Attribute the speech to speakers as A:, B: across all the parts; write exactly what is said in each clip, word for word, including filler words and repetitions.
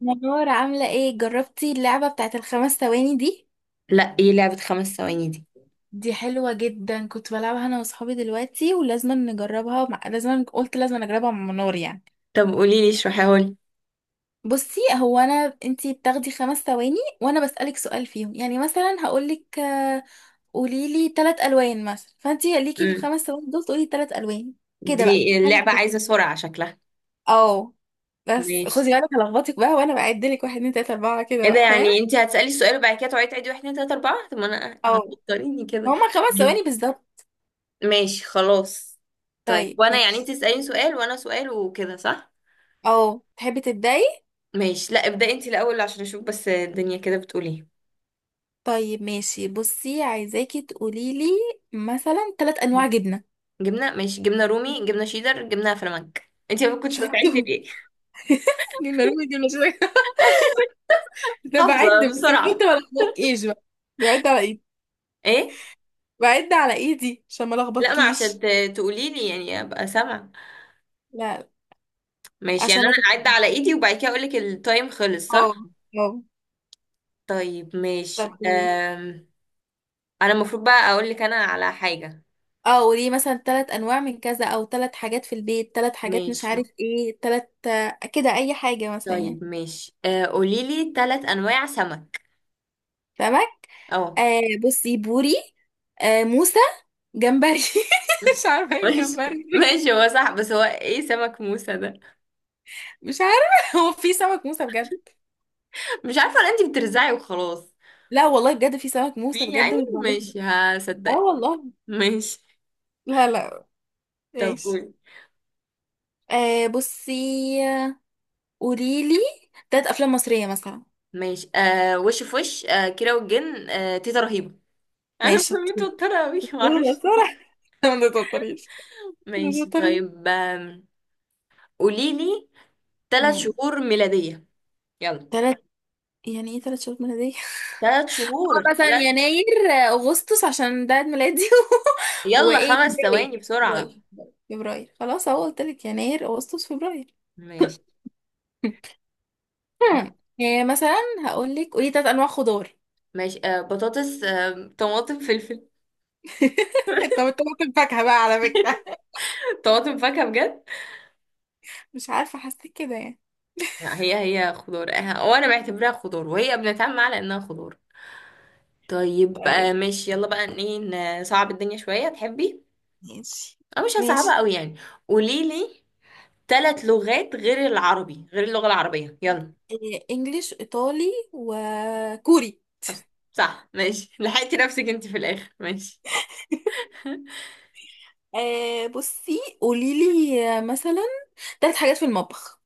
A: منورة، عاملة ايه؟ جربتي اللعبة بتاعت الخمس ثواني دي؟
B: لا، ايه لعبة خمس ثواني دي؟
A: دي حلوة جدا، كنت بلعبها انا وصحابي دلوقتي ولازم نجربها مع... لازم، قلت لازم اجربها مع منار يعني.
B: طب قولي لي، اشرحيها لي.
A: بصي، هو انا انتي بتاخدي خمس ثواني وانا بسألك سؤال فيهم، يعني مثلا هقولك آه، قوليلي تلات الوان مثلا، فانتي ليكي في
B: مم.
A: الخمس ثواني دول تقولي تلات الوان. كده بقى،
B: دي
A: حاجة
B: اللعبة
A: زي
B: عايزة
A: كده.
B: سرعة شكلها.
A: اه، بس
B: ماشي.
A: خدي بالك هلخبطك بقى وانا بعدلك واحد اتنين تلاتة اربعة، كده
B: ايه ده
A: بقى فاهم؟
B: يعني انت هتسألي السؤال وبعد كده تقعدي تعيدي واحد اتنين تلاتة اربعة؟ طب ما انا
A: اه،
B: هتضطريني كده.
A: هما خمس
B: ماشي
A: ثواني بالظبط.
B: ماشي، خلاص. طيب
A: طيب
B: وانا يعني انت
A: ماشي.
B: تسأليني سؤال وانا سؤال وكده صح؟
A: اه، تحبي تبداي؟
B: ماشي. لا ابدأي انت الاول عشان اشوف بس الدنيا كده بتقول ايه.
A: طيب ماشي، بصي عايزاكي تقوليلي مثلا ثلاث انواع
B: مم.
A: جبنه.
B: جبنة، ماشي. جبنة رومي، جبنة شيدر، جبنة فلامنك. انت ما كنتش
A: شطور.
B: بتعدي ليه؟
A: جبنه رومي، جبنه شويه. ده بعد،
B: حافظة
A: بس
B: بسرعة.
A: بعد ما الخبطكيش بقى. بعد على ايدي.
B: ايه؟
A: بعد على ايدي عشان ما
B: لا ما عشان
A: الخبطكيش.
B: ت- تقولي لي يعني ابقى سامعة.
A: لا لا،
B: ماشي، يعني
A: عشان
B: انا
A: ما
B: اعد
A: تت-.
B: على ايدي وبعد كده اقول لك التايم خلص
A: اه.
B: صح؟
A: اه.
B: طيب
A: طب
B: ماشي.
A: قوليلي.
B: أم... انا المفروض بقى اقول لك انا على حاجة.
A: اه، قولي مثلا ثلاث انواع من كذا، او ثلاث حاجات في البيت، ثلاث حاجات مش
B: ماشي.
A: عارف ايه، ثلاث، كده اي حاجه مثلا يعني.
B: طيب ماشي، أه قولي لي ثلاث انواع سمك.
A: فاهمك.
B: اه،
A: آه، بصي، بوري. آه، موسى. جمبري. مش عارفه ايه
B: ماشي.
A: الجمبري دي.
B: ماشي هو صح، بس هو ايه سمك موسى ده؟
A: مش عارفه. هو في سمك موسى بجد؟
B: مش عارفة، ولا انتي بترزعي وخلاص؟
A: لا والله، بجد في سمك
B: في
A: موسى بجد،
B: يعني،
A: مش بعرفها.
B: ماشي
A: اه
B: هصدقك.
A: والله.
B: ماشي.
A: لا لا
B: طب
A: ماشي.
B: قولي.
A: آه بصي، قوليلي تلات افلام مصريه مثلا.
B: ماشي أه وش في وش، أه كيرة والجن، أه تيتا رهيبة.
A: ماشي
B: انا
A: شطور.
B: متوترة اوي
A: صورة،
B: معرفش.
A: صورة. ما تضطريش. ما
B: ماشي
A: تضطريش.
B: طيب آم، قوليلي ثلاث
A: امم،
B: شهور ميلادية يلا.
A: تلات، يعني ايه تلات شهور ميلادية؟
B: ثلاث شهور،
A: مثلا
B: ثلاث.
A: يناير، آه، اغسطس عشان ده عيد ميلادي،
B: يلا
A: وايه،
B: خمس ثواني
A: فبراير،
B: بسرعة.
A: فبراير فبراير خلاص اهو، قلتلك يناير، اغسطس، فبراير.
B: ماشي.
A: هم. يعني مثلا هقول لك قولي تلات انواع خضار.
B: ماشي، آه بطاطس، آه طماطم، فلفل.
A: طب انت بتقول الفاكهة بقى على فكرة؟
B: طماطم فاكهة بجد؟
A: مش عارفه، حسيت كده يعني.
B: لا، هي هي خضار، آه، وانا بعتبرها خضار وهي بنتعامل على انها خضار. طيب آه
A: طيب
B: ماشي، يلا بقى ايه. نصعب الدنيا شوية تحبي؟
A: ماشي.
B: أو مش
A: ماشي.
B: هصعبها قوي يعني. قوليلي ثلاث لغات غير العربي، غير اللغة العربية، يلا.
A: إيه، انجليش، ايطالي، وكوري.
B: بس. صح، ماشي، لحقتي نفسك انت في الاخر. ماشي.
A: آه بصي، قولي لي مثلا تلات حاجات في المطبخ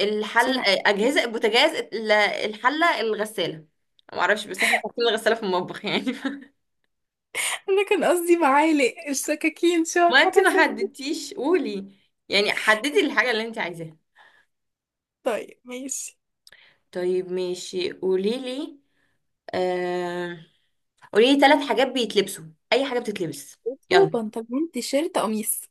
B: الحل،
A: بسرعه.
B: اجهزه، البوتاجاز، ال- الحله، الغساله. ما اعرفش بس احنا حاطين الغساله في المطبخ يعني.
A: انا كان قصدي معالق، السكاكين، شوك،
B: ما انت
A: حاجة زي
B: ما
A: كده.
B: حددتيش، قولي، يعني حددي الحاجه اللي انت عايزاها.
A: طيب ماشي.
B: طيب ماشي، قولي لي. آه... قولي لي ثلاث حاجات بيتلبسوا، اي حاجه بتتلبس.
A: وصوبة،
B: يلا.
A: بنطلون، تيشيرت، قميص.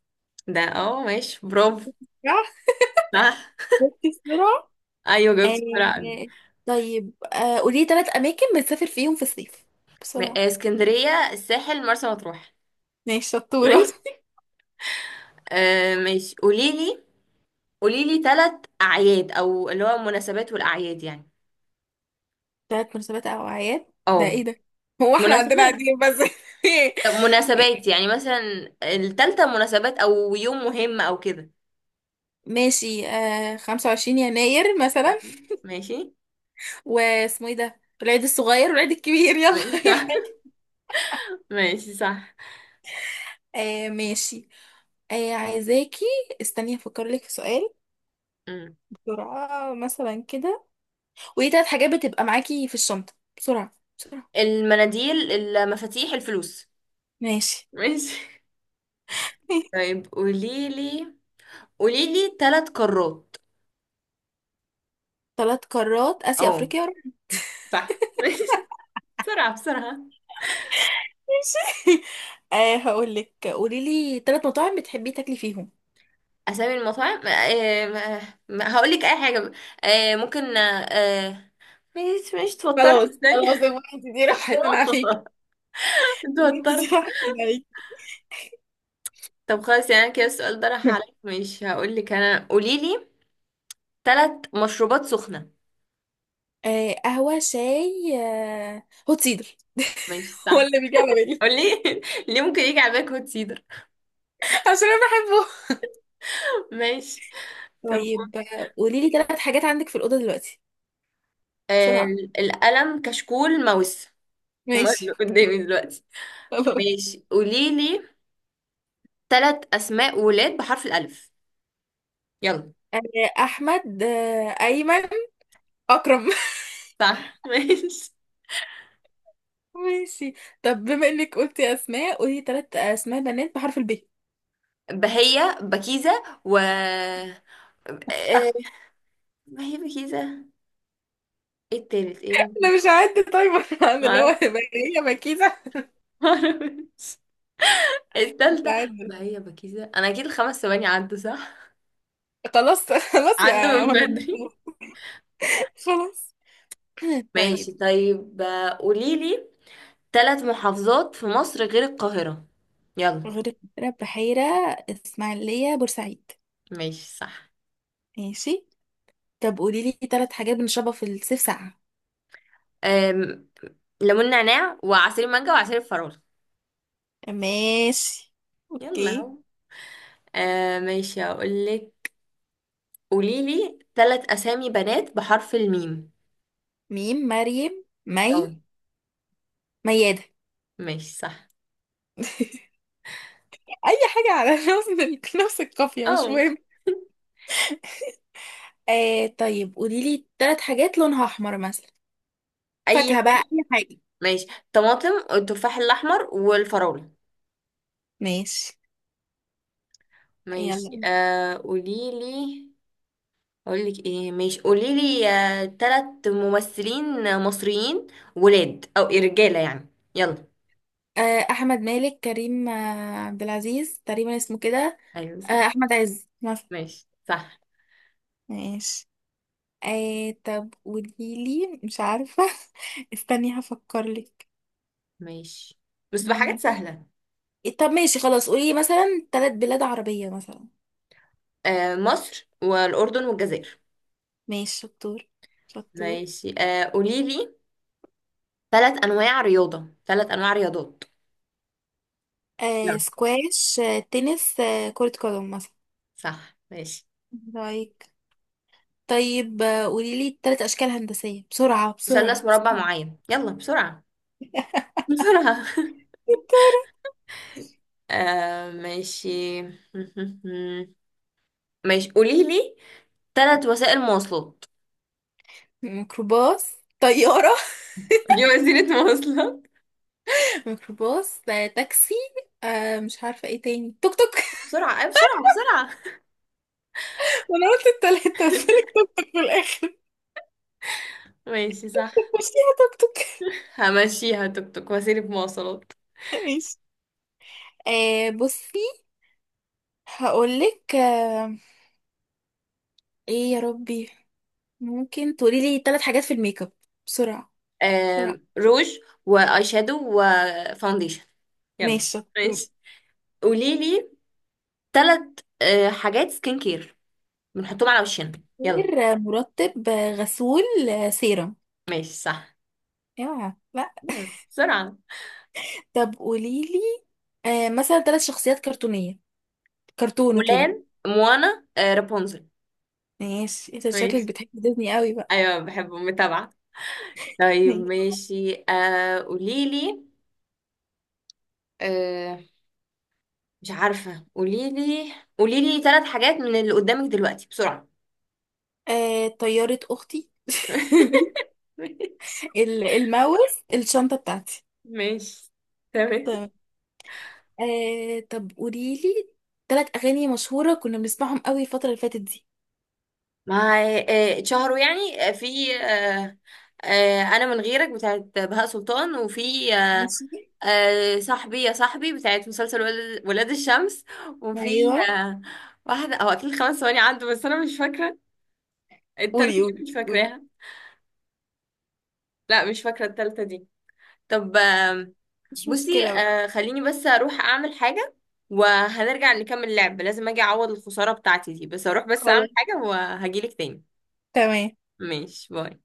B: ده اه ماشي، برافو.
A: صح.
B: صح.
A: شفتي السرعة؟
B: ايوه جاوبتي بسرعه قوي.
A: آه، طيب آه، قولي ثلاث اماكن بتسافر فيهم في الصيف
B: م-
A: بسرعه.
B: آه، اسكندريه، الساحل، مرسى مطروح.
A: ماشي شطورة.
B: ماشي. آه ماشي، قولي لي. قولي لي ثلاث اعياد، او اللي هو المناسبات والاعياد يعني.
A: ثلاث مناسبات او اعياد؟ ده
B: اه
A: ايه ده؟ هو احنا عندنا
B: مناسبات.
A: قاعدين بس.
B: طب مناسبات يعني مثلا الثالثه مناسبات او يوم مهم او كده.
A: ماشي، آه خمس وعشرين يناير مثلا.
B: ماشي، ماشي.
A: واسمه ايه ده، العيد الصغير والعيد الكبير، يلا،
B: ماشي
A: اي
B: صح.
A: حاجه.
B: ماشي صح.
A: آه ماشي. آه عايزاكي، استني افكر لك في سؤال
B: أمم.
A: بسرعه مثلا كده. وايه ثلاث حاجات بتبقى معاكي في الشنطه، بسرعه بسرعه.
B: المناديل، المفاتيح، الفلوس.
A: ماشي.
B: ماشي. طيب قولي لي. قولي لي ثلاث قارات.
A: ثلاث قارات، اسيا،
B: اه.
A: افريقيا.
B: صح. ماشي. بسرعة بسرعة.
A: آه هقول لك، قولي لي ثلاث مطاعم بتحبي تاكلي فيهم.
B: أسامي المطاعم، آه، آه، هقول لك أي حاجة، آه، ممكن، آه، آه، مش مش توترت،
A: خلاص
B: استني.
A: خلاص، يا انت دي راحت انا عليك.
B: انت
A: وانت دي
B: وترت.
A: واحدة عليك.
B: طب خلاص، يعني كده السؤال ده راح عليك، مش هقول لك انا. قولي لي ثلاث مشروبات سخنه.
A: آه، قهوة، شاي، آه هوت سيدر.
B: ماشي
A: هو
B: صح.
A: اللي بيجي على بالي.
B: قولي. ليه ممكن يجي على بالك هوت سيدر؟
A: عشان انا بحبه.
B: ماشي. طب
A: طيب
B: قول.
A: آه، قولي لي ثلاث حاجات عندك في الأوضة دلوقتي
B: آه
A: بسرعة.
B: القلم، كشكول، ماوس. هم اللي
A: ماشي.
B: قدامي دلوقتي.
A: خلاص.
B: ماشي. قولي لي ثلاث اسماء ولاد بحرف الالف، يلا.
A: آه، أحمد، آه أيمن، أكرم.
B: صح. ماشي.
A: ماشي. طب بما إنك قلتي أسماء، قولي ثلاث أسماء بنات بحرف الب.
B: بهية، بكيزة، و آه، ما هي بكيزة. ايه التالت، ايه ممكن،
A: انا مش هعد تايمر انا، اللي هو
B: معرفش.
A: هيبقى هي مكيده. مش
B: التالتة.
A: هعد.
B: ما هي بكيزة انا اكيد الخمس ثواني عدوا صح،
A: خلاص. خلاص
B: عدوا
A: يا
B: من
A: منى.
B: بدري.
A: خلاص.
B: ماشي
A: طيب،
B: طيب آه، قوليلي ثلاث محافظات في مصر غير القاهرة، يلا.
A: غير القاهرة، بحيرة، اسماعيلية، بورسعيد.
B: ماشي صح.
A: ماشي. طب قولي لي ثلاث حاجات بنشربها في الصيف ساقعة.
B: أم... ليمون نعناع، وعصير مانجا، وعصير الفراولة.
A: ماشي،
B: يلا
A: اوكي.
B: اهو. آه، ماشي هقولك، قوليلي ثلاث اسامي بنات بحرف الميم.
A: ميم، مريم، مي،
B: اه.
A: ميادة.
B: ماشي صح.
A: اي حاجة على نفس ال- نفس القافية، مش
B: اه.
A: مهم. آه طيب، قولي لي ثلاث حاجات لونها احمر مثلا.
B: اي
A: فاكهة
B: حاجة.
A: بقى، اي حاجة.
B: ماشي. طماطم، والتفاح الاحمر، والفراولة.
A: ماشي.
B: ماشي
A: يلا.
B: آه قوليلي. اقولك ايه، ماشي، قوليلي آه، تلات ممثلين مصريين ولاد، او إيه، رجاله يعني. يلا.
A: آه، احمد مالك، كريم آه، عبد العزيز تقريبا اسمه كده،
B: ايوه صح.
A: آه، احمد عز مثلا.
B: ماشي صح.
A: ماشي. آه طب قوليلي، مش عارفة، استني هفكر لك.
B: ماشي. بس بحاجات سهله.
A: طب ماشي، خلاص، قولي مثلا ثلاث بلاد عربية مثلا.
B: آه مصر، والاردن، والجزائر.
A: ماشي شطور، شطور.
B: ماشي آه قوليلي تلات انواع رياضه، تلات انواع رياضات.
A: آه،
B: يلا.
A: سكواش، آه تنس، آه كرة قدم مثلا.
B: صح ماشي.
A: رايك؟ طيب آه، قوليلي ثلاث أشكال هندسية، بسرعة
B: مثلث،
A: بسرعة
B: مربع،
A: بسرعة.
B: معين. يلا بسرعه، بسرعه. آه ماشي. ماشي، قوليلي تلات وسائل مواصلات.
A: ميكروباص، طيارة،
B: دي وسيله مواصلات؟
A: مش ميكروباص ده تاكسي، آه مش عارفة ايه تاني، توك توك.
B: بسرعة أي بسرعة بسرعة.
A: انا قلت التلاتة بس لك توك توك في الاخر.
B: ماشي صح.
A: مش فيها توك توك.
B: همشيها، توك توك وسيلة مواصلات.
A: ماشي. آه بصي، هقولك، آه، ايه يا ربي، ممكن تقولي لي ثلاث حاجات في الميك اب بسرعة بسرعة.
B: آم، روج، واي شادو، وفاونديشن. يلا.
A: ماشي شطور.
B: ماشي. قولي لي ثلاث حاجات سكين كير بنحطهم على وشنا. يلا.
A: غير آه، مرطب، آه غسول، آه سيرم.
B: ماشي صح.
A: يا لا.
B: يلا بسرعة.
A: طب قولي لي آه مثلا ثلاث شخصيات كرتونية، كرتون
B: مولان،
A: وكده.
B: موانا، آه، رابونزل.
A: ماشي، انت شكلك
B: ماشي.
A: بتحب ديزني قوي
B: أيوة بحبه متابعة. طيب
A: بقى.
B: ماشي، آه، قولي لي. آه، مش عارفة، قولي لي. قولي لي ثلاث حاجات من اللي قدامك دلوقتي بسرعة.
A: آه، طيارة أختي،
B: ماشي.
A: ال- الماوس، الشنطة بتاعتي.
B: ماشي. تمام.
A: تمام. آه طب قوليلي ثلاث أغاني مشهورة كنا بنسمعهم قوي الفترة اللي فاتت دي.
B: مع، آه، اتشهروا يعني، آه، في، آه، آه، انا من غيرك بتاعت بهاء سلطان، وفي آه،
A: ماشي.
B: آه، صاحبي يا صاحبي بتاعت مسلسل ولاد ولاد الشمس. وفي
A: أيوه،
B: آه، واحدة، او اكيد خمس ثواني عنده بس انا مش فاكرة التالتة
A: قولي، قولي،
B: دي، مش
A: قولي.
B: فاكراها. لا مش فاكرة التالتة دي. طب آم،
A: مش
B: بصي
A: مشكلة بقى.
B: آه، خليني بس اروح اعمل حاجة وهنرجع نكمل لعب. لازم اجي اعوض الخسارة بتاعتي دي. بس اروح بس اعمل
A: خلاص.
B: حاجة وهجيلك تاني.
A: تمام.
B: ماشي باي.